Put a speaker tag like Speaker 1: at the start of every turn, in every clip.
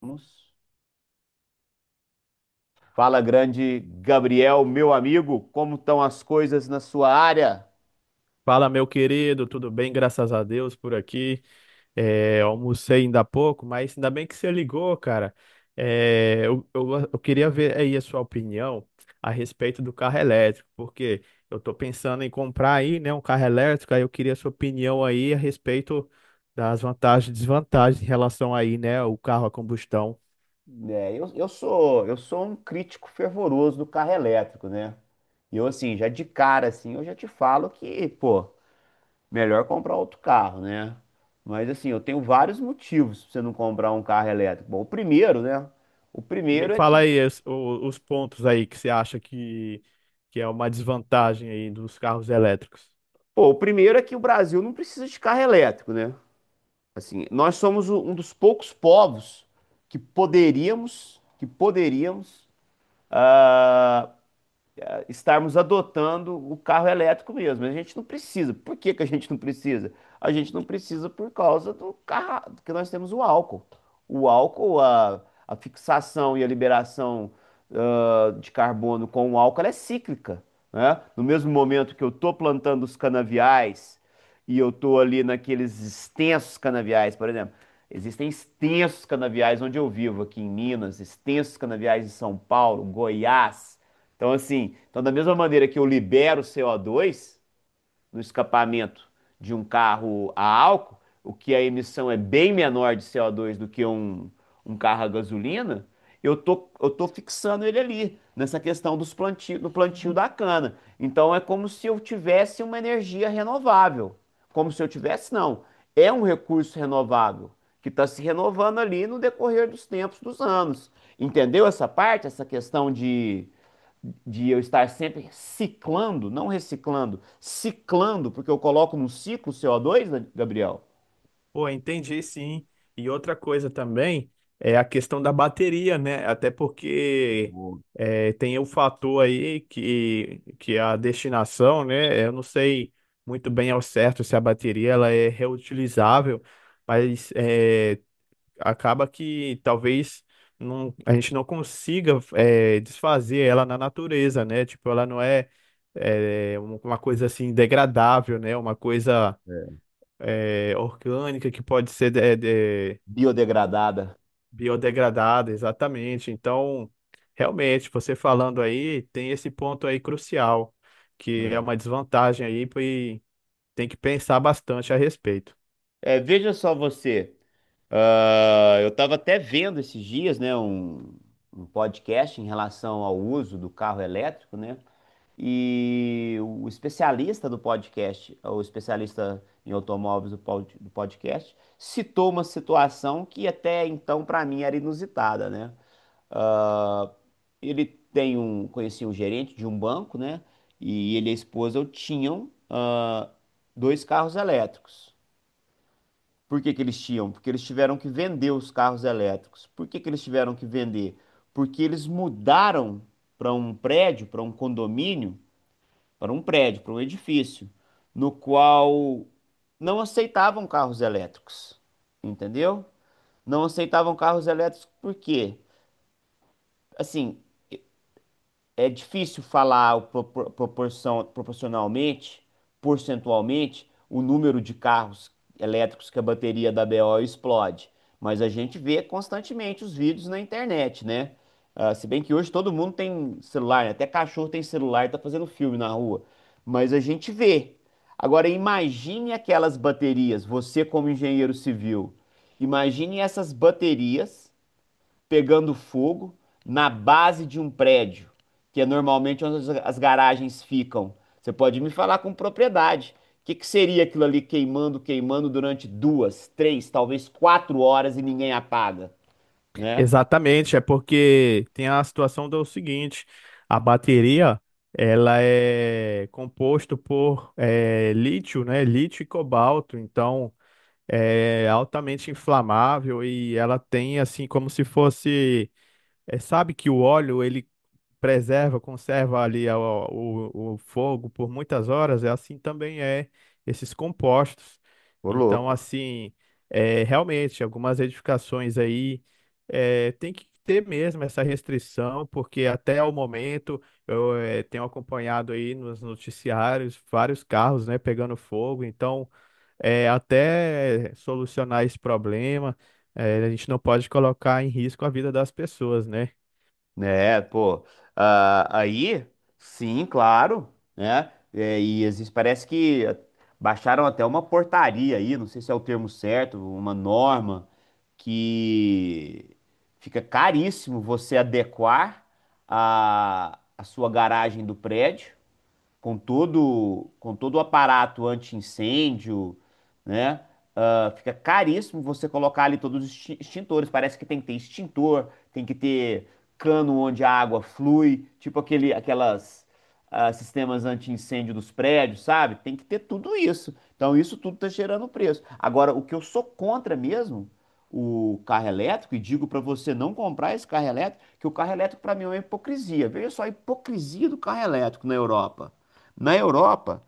Speaker 1: Vamos. Fala, grande Gabriel, meu amigo, como estão as coisas na sua área?
Speaker 2: Fala, meu querido, tudo bem? Graças a Deus por aqui. Almocei ainda há pouco, mas ainda bem que você ligou, cara. Eu queria ver aí a sua opinião a respeito do carro elétrico, porque eu tô pensando em comprar aí, né, um carro elétrico, aí eu queria a sua opinião aí a respeito das vantagens e desvantagens em relação aí, né, o carro a combustão.
Speaker 1: Eu sou um crítico fervoroso do carro elétrico, né? E eu assim, já de cara assim, eu já te falo que, pô, melhor comprar outro carro, né? Mas assim, eu tenho vários motivos pra você não comprar um carro elétrico. Bom, o primeiro, né? O
Speaker 2: Me
Speaker 1: primeiro é
Speaker 2: fala
Speaker 1: que,
Speaker 2: aí os pontos aí que você acha que é uma desvantagem aí dos carros elétricos.
Speaker 1: pô, o primeiro é que o Brasil não precisa de carro elétrico, né? Assim, nós somos um dos poucos povos que poderíamos, estarmos adotando o carro elétrico mesmo. A gente não precisa. Por que que a gente não precisa? A gente não precisa por causa do carro, que nós temos o álcool. O álcool, a fixação e a liberação de carbono com o álcool, ela é cíclica, né? No mesmo momento que eu estou plantando os canaviais e eu estou ali naqueles extensos canaviais, por exemplo. Existem extensos canaviais onde eu vivo, aqui em Minas, extensos canaviais em São Paulo, Goiás, então, assim, então da mesma maneira que eu libero CO2 no escapamento de um carro a álcool, o que a emissão é bem menor de CO2 do que um carro a gasolina, eu tô fixando ele ali, nessa questão do plantio da cana. Então, é como se eu tivesse uma energia renovável. Como se eu tivesse, não. É um recurso renovável que está se renovando ali no decorrer dos tempos, dos anos. Entendeu essa parte, essa questão de eu estar sempre ciclando, não reciclando, ciclando, porque eu coloco num ciclo CO2, né, Gabriel?
Speaker 2: Pô, entendi sim. E outra coisa também é a questão da bateria, né? Até porque tem o fator aí que a destinação, né? Eu não sei muito bem ao certo se a bateria ela é reutilizável, mas acaba que talvez não, a gente não consiga desfazer ela na natureza, né? Tipo, ela não é uma coisa assim degradável, né? Uma coisa
Speaker 1: É,
Speaker 2: orgânica que pode ser de-
Speaker 1: biodegradada.
Speaker 2: biodegradada, exatamente. Então, realmente, você falando aí, tem esse ponto aí crucial, que é
Speaker 1: É.
Speaker 2: uma desvantagem aí, e tem que pensar bastante a respeito.
Speaker 1: É, veja só você, eu estava até vendo esses dias, né, um podcast em relação ao uso do carro elétrico, né? E o especialista do podcast, o especialista em automóveis do podcast, citou uma situação que até então para mim era inusitada, né? Ah, ele conhecia um gerente de um banco, né? E ele e a esposa tinham dois carros elétricos. Por que que eles tinham? Porque eles tiveram que vender os carros elétricos. Por que que eles tiveram que vender? Porque eles mudaram para um prédio, para um condomínio, para um prédio, para um edifício, no qual não aceitavam carros elétricos, entendeu? Não aceitavam carros elétricos por quê? Assim, é difícil falar proporção, proporcionalmente, percentualmente, o número de carros elétricos que a bateria da BO explode. Mas a gente vê constantemente os vídeos na internet, né? Ah, se bem que hoje todo mundo tem celular, né? Até cachorro tem celular e tá fazendo filme na rua. Mas a gente vê. Agora, imagine aquelas baterias, você como engenheiro civil. Imagine essas baterias pegando fogo na base de um prédio, que é normalmente onde as garagens ficam. Você pode me falar com propriedade. O que que seria aquilo ali queimando, queimando durante 2, 3, talvez 4 horas e ninguém apaga, né?
Speaker 2: Exatamente, é porque tem a situação do seguinte, a bateria, ela é composto por lítio, né? Lítio e cobalto, então é altamente inflamável e ela tem assim como se fosse. É, sabe que o óleo ele preserva, conserva ali o fogo por muitas horas, é assim também esses compostos.
Speaker 1: Ô,
Speaker 2: Então,
Speaker 1: louco.
Speaker 2: assim, realmente, algumas edificações aí tem que ter mesmo essa restrição, porque até o momento eu tenho acompanhado aí nos noticiários vários carros, né, pegando fogo, então até solucionar esse problema, a gente não pode colocar em risco a vida das pessoas, né?
Speaker 1: É, pô. Aí, sim, claro, né? É, e existe, parece que baixaram até uma portaria aí, não sei se é o termo certo, uma norma que fica caríssimo você adequar a sua garagem do prédio com todo o aparato anti-incêndio, né? Ah, fica caríssimo você colocar ali todos os extintores. Parece que tem que ter extintor, tem que ter cano onde a água flui, tipo aquelas sistemas anti-incêndio dos prédios, sabe? Tem que ter tudo isso. Então isso tudo tá gerando preço. Agora, o que eu sou contra mesmo, o carro elétrico, e digo para você não comprar esse carro elétrico, que o carro elétrico para mim é uma hipocrisia. Veja só a hipocrisia do carro elétrico na Europa. Na Europa,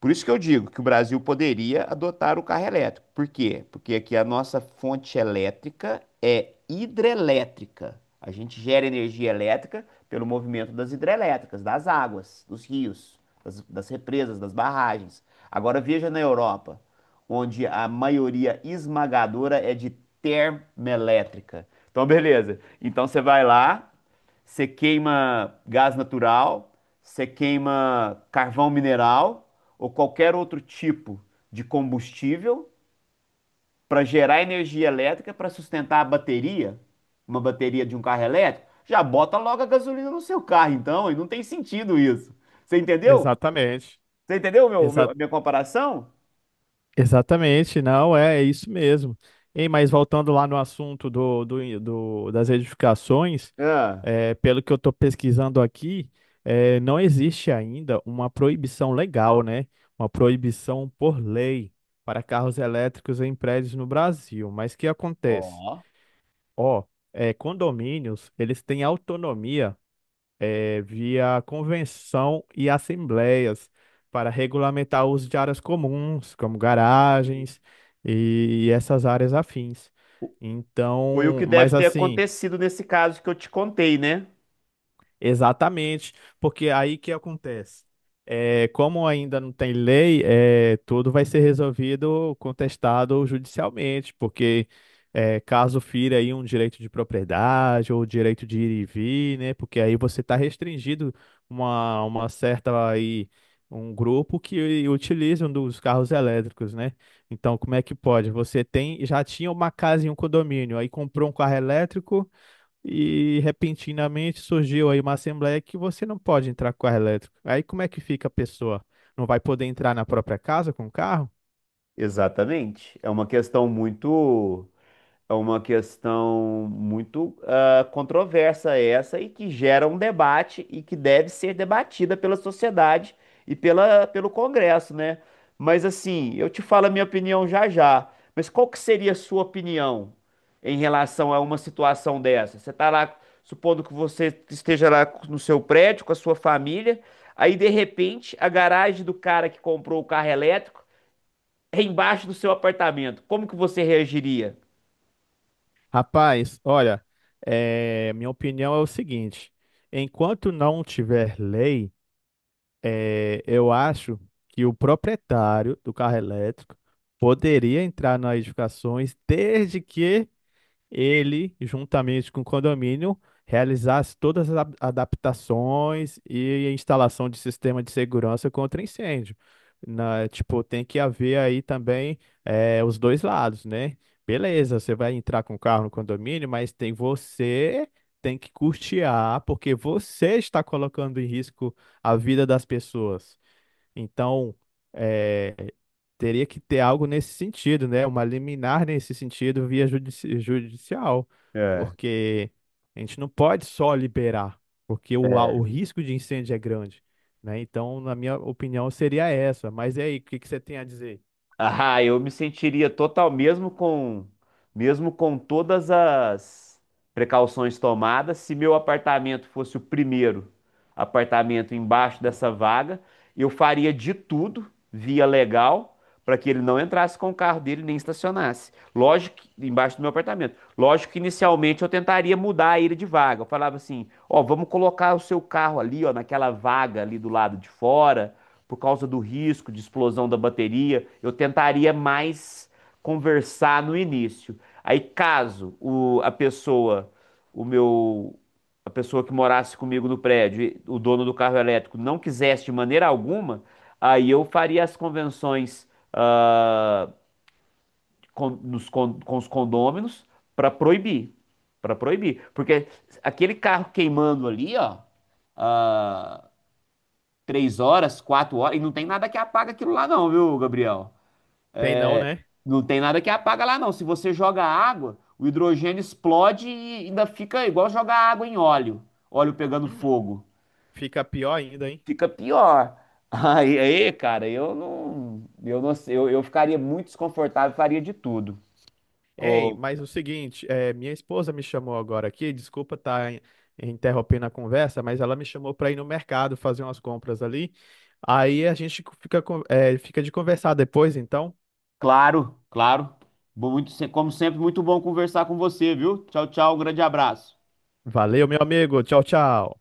Speaker 1: por isso que eu digo que o Brasil poderia adotar o carro elétrico. Por quê? Porque aqui a nossa fonte elétrica é hidrelétrica. A gente gera energia elétrica pelo movimento das hidrelétricas, das águas, dos rios, das represas, das barragens. Agora veja na Europa, onde a maioria esmagadora é de termoelétrica. Então, beleza. Então você vai lá, você queima gás natural, você queima carvão mineral ou qualquer outro tipo de combustível para gerar energia elétrica para sustentar a bateria, uma bateria de um carro elétrico, já bota logo a gasolina no seu carro, então, e não tem sentido isso. Você entendeu?
Speaker 2: Exatamente.
Speaker 1: Você entendeu a
Speaker 2: Exa
Speaker 1: minha comparação?
Speaker 2: Exatamente, não, é, é isso mesmo. Ei, mas voltando lá no assunto das edificações,
Speaker 1: Ah,
Speaker 2: pelo que eu estou pesquisando aqui, não existe ainda uma proibição legal, né? Uma proibição por lei para carros elétricos em prédios no Brasil. Mas o que acontece?
Speaker 1: ó.
Speaker 2: Ó, condomínios, eles têm autonomia, via convenção e assembleias, para regulamentar o uso de áreas comuns, como garagens e essas áreas afins.
Speaker 1: Foi o que
Speaker 2: Então,
Speaker 1: deve
Speaker 2: mas
Speaker 1: ter
Speaker 2: assim.
Speaker 1: acontecido nesse caso que eu te contei, né?
Speaker 2: Exatamente, porque aí que acontece? É, como ainda não tem lei, é, tudo vai ser resolvido, contestado judicialmente, porque caso fira aí um direito de propriedade ou direito de ir e vir, né? Porque aí você está restringido uma certa aí um grupo que utilizam dos carros elétricos, né? Então, como é que pode? Você tem já tinha uma casa em um condomínio, aí comprou um carro elétrico e repentinamente surgiu aí uma assembleia que você não pode entrar com carro elétrico. Aí como é que fica a pessoa? Não vai poder entrar na própria casa com carro?
Speaker 1: Exatamente. É uma questão muito controversa essa e que gera um debate e que deve ser debatida pela sociedade e pelo Congresso, né? Mas assim, eu te falo a minha opinião já já. Mas qual que seria a sua opinião em relação a uma situação dessa? Você está lá, supondo que você esteja lá no seu prédio com a sua família, aí de repente a garagem do cara que comprou o carro elétrico é embaixo do seu apartamento. Como que você reagiria?
Speaker 2: Rapaz, olha, minha opinião é o seguinte: enquanto não tiver lei, eu acho que o proprietário do carro elétrico poderia entrar nas edificações desde que ele, juntamente com o condomínio, realizasse todas as adaptações e a instalação de sistema de segurança contra incêndio. Na, tipo, tem que haver aí também, os dois lados, né? Beleza, você vai entrar com o carro no condomínio, mas tem você, tem que custear, porque você está colocando em risco a vida das pessoas. Então, é, teria que ter algo nesse sentido, né? Uma liminar nesse sentido via judicial, porque a gente não pode só liberar, porque
Speaker 1: É.
Speaker 2: o risco de incêndio é grande, né? Então, na minha opinião, seria essa. Mas e aí, o que que você tem a dizer?
Speaker 1: Ah, eu me sentiria total, mesmo com todas as precauções tomadas, se meu apartamento fosse o primeiro apartamento embaixo dessa vaga, eu faria de tudo, via legal, para que ele não entrasse com o carro dele nem estacionasse. Lógico, embaixo do meu apartamento. Lógico que inicialmente eu tentaria mudar ele de vaga. Eu falava assim, ó, vamos colocar o seu carro ali, ó, naquela vaga ali do lado de fora por causa do risco de explosão da bateria, eu tentaria mais conversar no início. Aí, caso a pessoa, o meu, a pessoa que morasse comigo no prédio, o dono do carro elétrico, não quisesse de maneira alguma, aí eu faria as convenções ah, com os condôminos para proibir, para proibir, porque aquele carro queimando ali, ó, ah, 3 horas, 4 horas, e não tem nada que apaga aquilo lá não, viu, Gabriel?
Speaker 2: Tem não, né?
Speaker 1: Não tem nada que apaga lá não. Se você joga água, o hidrogênio explode e ainda fica igual jogar água em óleo, óleo pegando
Speaker 2: Hum,
Speaker 1: fogo.
Speaker 2: fica pior ainda, hein?
Speaker 1: Fica pior. Aí, cara, eu não sei, eu ficaria muito desconfortável, faria de tudo.
Speaker 2: Ei,
Speaker 1: Ô,
Speaker 2: mas o seguinte, minha esposa me chamou agora aqui, desculpa estar interrompendo a conversa, mas ela me chamou para ir no mercado fazer umas compras ali. Aí a gente fica, fica de conversar depois, então.
Speaker 1: claro, claro. Bom, Muito, se- como sempre, muito bom conversar com você, viu? Tchau, tchau, um grande abraço.
Speaker 2: Valeu, meu amigo. Tchau, tchau.